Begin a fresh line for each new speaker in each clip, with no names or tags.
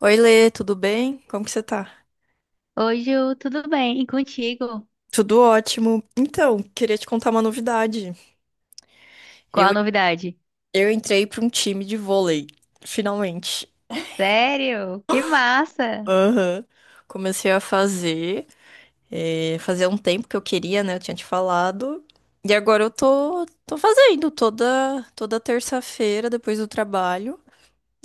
Oi, Lê, tudo bem? Como que você tá?
Oi, Ju, tudo bem? E contigo?
Tudo ótimo. Então, queria te contar uma novidade.
Qual
Eu,
a novidade?
eu entrei para um time de vôlei, finalmente.
Sério? Que massa!
Aham. Comecei a fazer, fazia um tempo que eu queria, né? Eu tinha te falado. E agora eu tô fazendo toda terça-feira, depois do trabalho.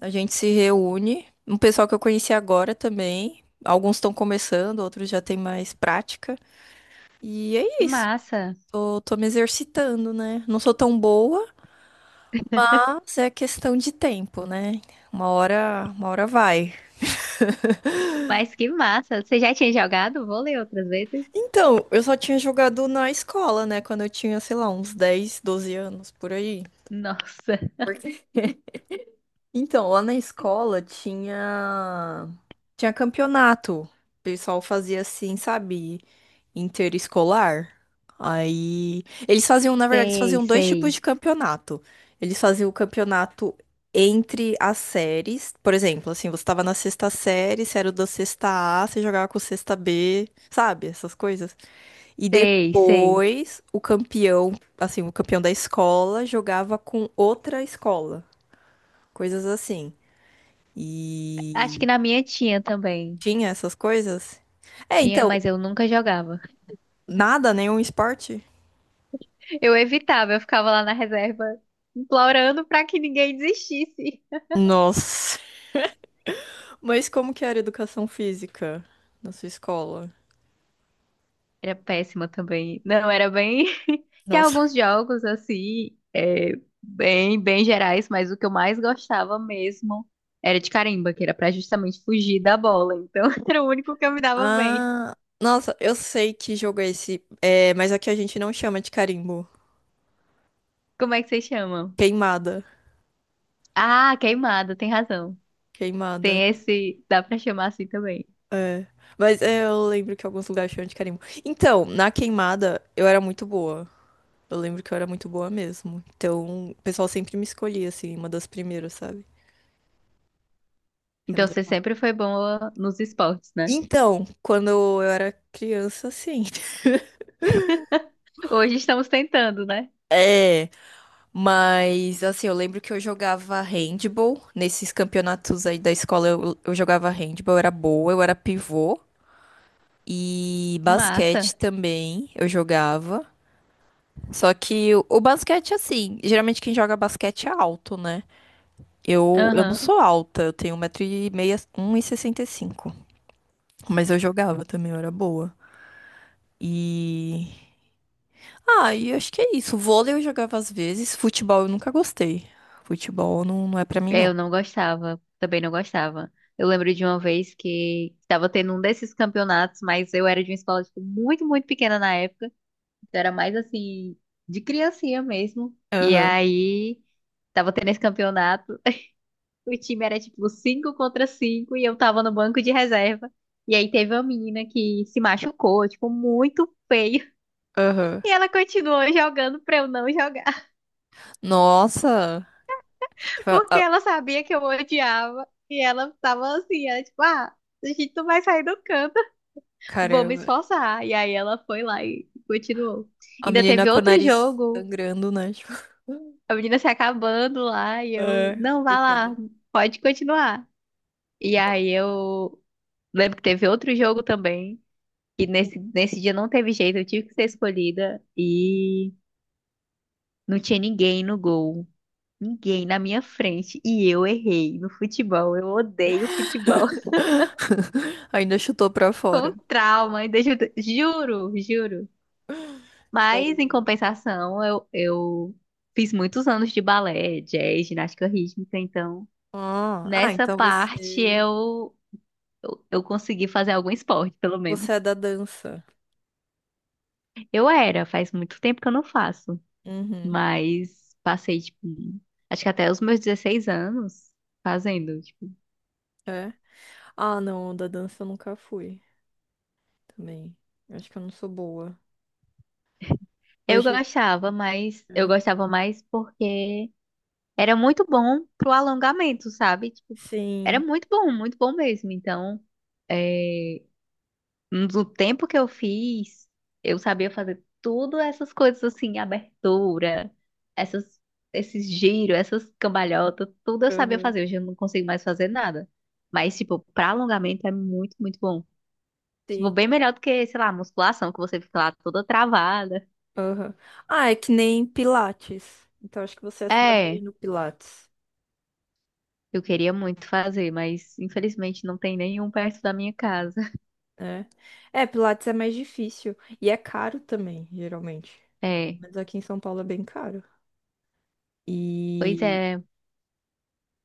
A gente se reúne. Um pessoal que eu conheci agora também. Alguns estão começando, outros já têm mais prática. E é
Que
isso.
massa!
Tô me exercitando, né? Não sou tão boa, mas é questão de tempo, né? Uma hora vai.
Mas que massa! Você já tinha jogado vôlei outras vezes?
Então, eu só tinha jogado na escola, né? Quando eu tinha, sei lá, uns 10, 12 anos, por aí.
Nossa!
Por quê? Então, lá na escola tinha campeonato. O pessoal fazia assim, sabe, interescolar. Aí eles faziam, na verdade, eles
Sei,
faziam dois tipos
sei.
de campeonato. Eles faziam o campeonato entre as séries. Por exemplo, assim, você tava na sexta série, você era da sexta A, você jogava com o sexta B, sabe? Essas coisas. E
Sei, sei.
depois o campeão, assim, o campeão da escola jogava com outra escola. Coisas assim.
Acho que
E
na minha tinha também.
tinha essas coisas? É,
Tinha,
então,
mas eu nunca jogava.
nada, nenhum esporte?
Eu evitava, eu ficava lá na reserva implorando pra que ninguém desistisse.
Nossa. Mas como que era a educação física na sua escola?
Era péssima também. Não, era bem. Tinha
Nossa.
alguns jogos, assim, é, bem, bem gerais, mas o que eu mais gostava mesmo era de carimba, que era pra justamente fugir da bola. Então, era o único que eu me dava bem.
Ah, nossa, eu sei que jogo é esse, é, mas aqui a gente não chama de carimbo.
Como é que vocês chamam?
Queimada.
Ah, queimada, tem razão.
Queimada.
Tem esse. Dá pra chamar assim também.
É. Mas é, eu lembro que alguns lugares chamam de carimbo. Então, na queimada, eu era muito boa. Eu lembro que eu era muito boa mesmo. Então, o pessoal sempre me escolhia, assim, uma das primeiras, sabe? Era
Então, você
legal.
sempre foi boa nos esportes, né?
Então, quando eu era criança, sim.
Hoje estamos tentando, né?
É, mas assim, eu lembro que eu jogava handball nesses campeonatos aí da escola. Eu jogava handball, eu era boa, eu era pivô. E
Massa.
basquete também eu jogava. Só que o basquete, assim, geralmente quem joga basquete é alto, né? Eu não
Aham.
sou alta, eu tenho 1,65 m. Mas eu jogava também, eu era boa. E ah, e acho que é isso. Vôlei eu jogava às vezes, futebol eu nunca gostei. Futebol não, não é pra mim,
É,
não.
eu não gostava, também não gostava. Eu lembro de uma vez que estava tendo um desses campeonatos, mas eu era de uma escola tipo, muito, muito pequena na época. Então era mais assim, de criancinha mesmo. E
Aham,
aí, estava tendo esse campeonato. O time era tipo 5 contra 5 e eu tava no banco de reserva. E aí teve uma menina que se machucou, tipo, muito feio.
aham.
E ela continuou jogando pra eu não jogar.
Nossa! Tipo,
Porque ela sabia que eu odiava e ela tava assim, ela, tipo, ah, a gente não vai sair do canto, vou me
caramba,
esforçar. E aí ela foi lá e continuou.
a
Ainda
menina
teve
com o
outro
nariz
jogo,
sangrando, né? Tipo,
a menina se acabando lá e eu,
é,
não, vá
coitada.
lá, pode continuar. E aí eu lembro que teve outro jogo também, e nesse dia não teve jeito, eu tive que ser escolhida e não tinha ninguém no gol. Ninguém na minha frente e eu errei no futebol. Eu odeio futebol.
Ainda chutou pra fora.
Com trauma, ainda juro, juro. Mas, em
Caramba.
compensação, eu fiz muitos anos de balé, jazz, ginástica rítmica, então
Ah, ah,
nessa
então
parte
você,
eu consegui fazer algum esporte, pelo menos.
você é da dança.
Eu era, faz muito tempo que eu não faço,
Uhum,
mas passei, tipo, acho que até os meus 16 anos fazendo, tipo.
é. Ah, não, da dança eu nunca fui também. Eu acho que eu não sou boa.
Eu
Hoje,
gostava, mas eu
é.
gostava mais porque era muito bom pro alongamento, sabe? Tipo, era
Sim,
muito bom mesmo. Então, é, no tempo que eu fiz, eu sabia fazer tudo essas coisas assim, abertura, essas, esses giros, essas cambalhotas, tudo eu sabia
aham.
fazer. Hoje eu não consigo mais fazer nada. Mas, tipo, pra alongamento é muito, muito bom. Tipo,
Sim.
bem melhor do que, sei lá, musculação, que você fica lá toda travada.
Aham. Ah, é que nem Pilates. Então acho que você ia se dar bem
É,
no Pilates,
eu queria muito fazer, mas infelizmente não tem nenhum perto da minha casa.
né? É, Pilates é mais difícil e é caro também, geralmente.
É,
Mas aqui em São Paulo é bem caro.
pois
E,
é,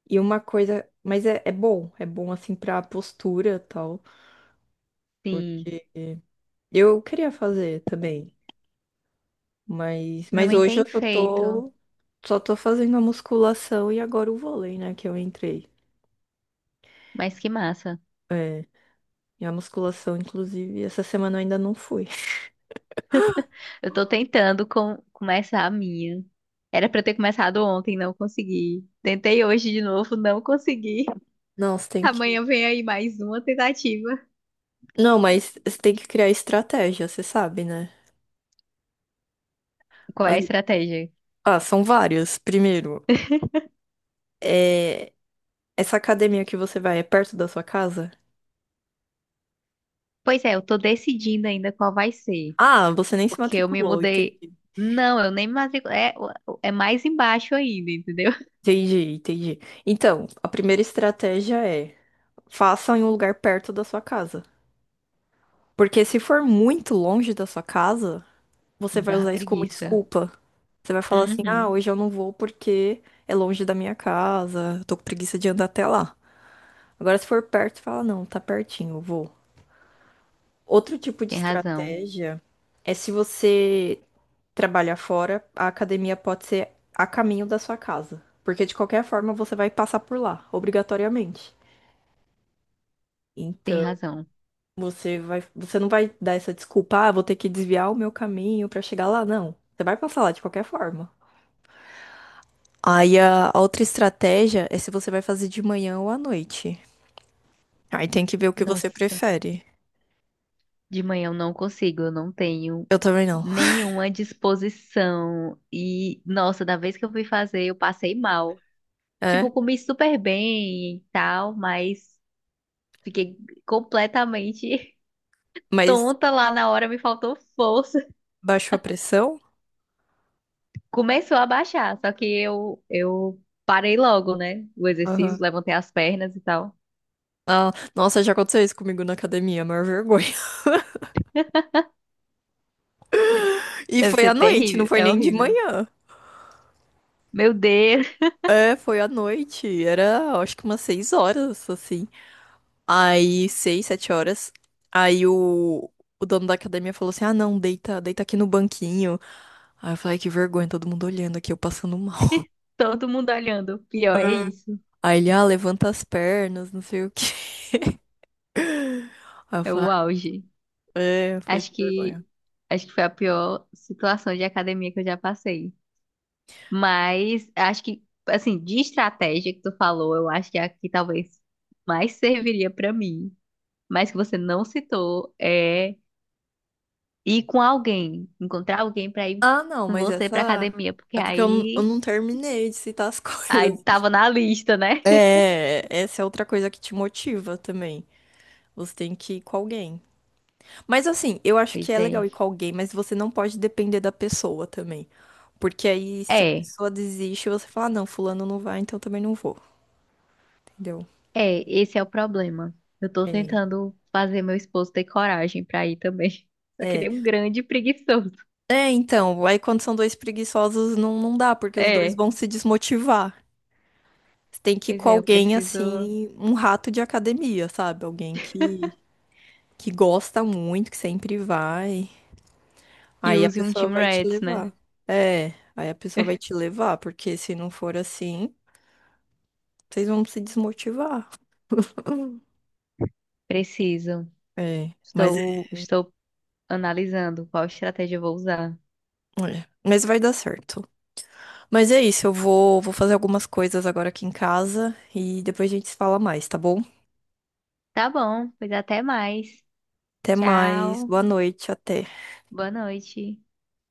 e uma coisa, mas é, é bom assim pra postura e tal,
sim.
porque eu queria fazer também, mas,
Minha
mas
mãe
hoje
tem
eu só
feito,
tô, só tô fazendo a musculação e agora o vôlei, né, que eu entrei.
mas que massa.
É, e a musculação, inclusive, essa semana eu ainda não fui.
Eu tô tentando começar a minha. Era pra eu ter começado ontem, não consegui. Tentei hoje de novo, não consegui.
Não, você tem que.
Amanhã vem aí mais uma tentativa.
Não, mas você tem que criar estratégia, você sabe, né?
Qual é a
As-
estratégia?
Ah, são várias. Primeiro, é, essa academia que você vai é perto da sua casa?
Pois é, eu tô decidindo ainda qual vai ser.
Ah, você nem se
Porque eu me
matriculou,
mudei.
entendi.
Não, eu nem me matriculei. É, é mais embaixo ainda, entendeu?
Entendi, entendi. Então, a primeira estratégia é faça em um lugar perto da sua casa. Porque se for muito longe da sua casa, você vai
Dá
usar isso como
preguiça.
desculpa. Você vai falar assim, ah,
Uhum.
hoje eu não vou porque é longe da minha casa, eu tô com preguiça de andar até lá. Agora, se for perto, fala, não, tá pertinho, eu vou. Outro tipo de
Tem razão,
estratégia é se você trabalhar fora, a academia pode ser a caminho da sua casa. Porque de qualquer forma você vai passar por lá, obrigatoriamente.
tem
Então,
razão.
você vai, você não vai dar essa desculpa, ah, vou ter que desviar o meu caminho pra chegar lá, não. Você vai passar lá de qualquer forma. Aí a outra estratégia é se você vai fazer de manhã ou à noite. Aí tem que ver o que você
Nossa.
prefere.
De manhã eu não consigo, eu não tenho
Eu também não.
nenhuma disposição. E, nossa, da vez que eu fui fazer, eu passei mal. Tipo,
É,
eu comi super bem e tal, mas fiquei completamente
mas
tonta lá na hora, me faltou força.
baixou a pressão?
Começou a baixar, só que eu parei logo, né? O exercício,
Aham.
levantei as pernas e tal.
Ah, nossa, já aconteceu isso comigo na academia, a maior vergonha. E
Deve
foi
ser
à noite, não
terrível,
foi
é
nem de
horrível.
manhã.
Meu Deus,
É, foi à noite. Era, acho que umas 6 horas, assim. Aí, 6, 7 horas. Aí o dono da academia falou assim: "Ah, não, deita, deita aqui no banquinho." Aí eu falei, "Ai, que vergonha, todo mundo olhando aqui, eu passando mal."
todo mundo olhando. Pior é isso,
Aí ele, ah, levanta as pernas, não sei o quê. Aí eu
é
falei,
o auge.
"Ah, é, eu falei,
Acho
que vergonha."
que acho que foi a pior situação de academia que eu já passei. Mas acho que assim, de estratégia que tu falou, eu acho que a que talvez mais serviria pra mim, mas que você não citou, é ir com alguém, encontrar alguém pra ir
Ah, não,
com
mas
você pra
essa.
academia, porque
É porque eu, eu
aí
não terminei de citar as
aí
coisas.
tava na lista, né?
É, essa é outra coisa que te motiva também. Você tem que ir com alguém. Mas assim, eu acho que
Pois
é legal
é.
ir com alguém, mas você não pode depender da pessoa também. Porque aí, se a
É,
pessoa desiste, você fala, ah, não, fulano não vai, então também não vou. Entendeu?
é, esse é o problema. Eu tô
É.
tentando fazer meu esposo ter coragem pra ir também. Só que
É,
ele é um grande preguiçoso.
é, então, aí quando são dois preguiçosos não, não dá, porque os dois
É.
vão se desmotivar. Você tem que ir
Pois
com
é, eu
alguém
preciso
assim, um rato de academia, sabe? Alguém que gosta muito, que sempre vai,
que
aí a
use um
pessoa
Team
vai te
Rats, né?
levar. É, aí a pessoa vai te levar, porque se não for assim, vocês vão se desmotivar.
Preciso.
É, mas, é,
Estou, estou analisando qual estratégia eu vou usar.
é, mas vai dar certo. Mas é isso, eu vou fazer algumas coisas agora aqui em casa e depois a gente se fala mais, tá bom?
Tá bom, pois até mais.
Até mais,
Tchau.
boa noite, até.
Boa noite.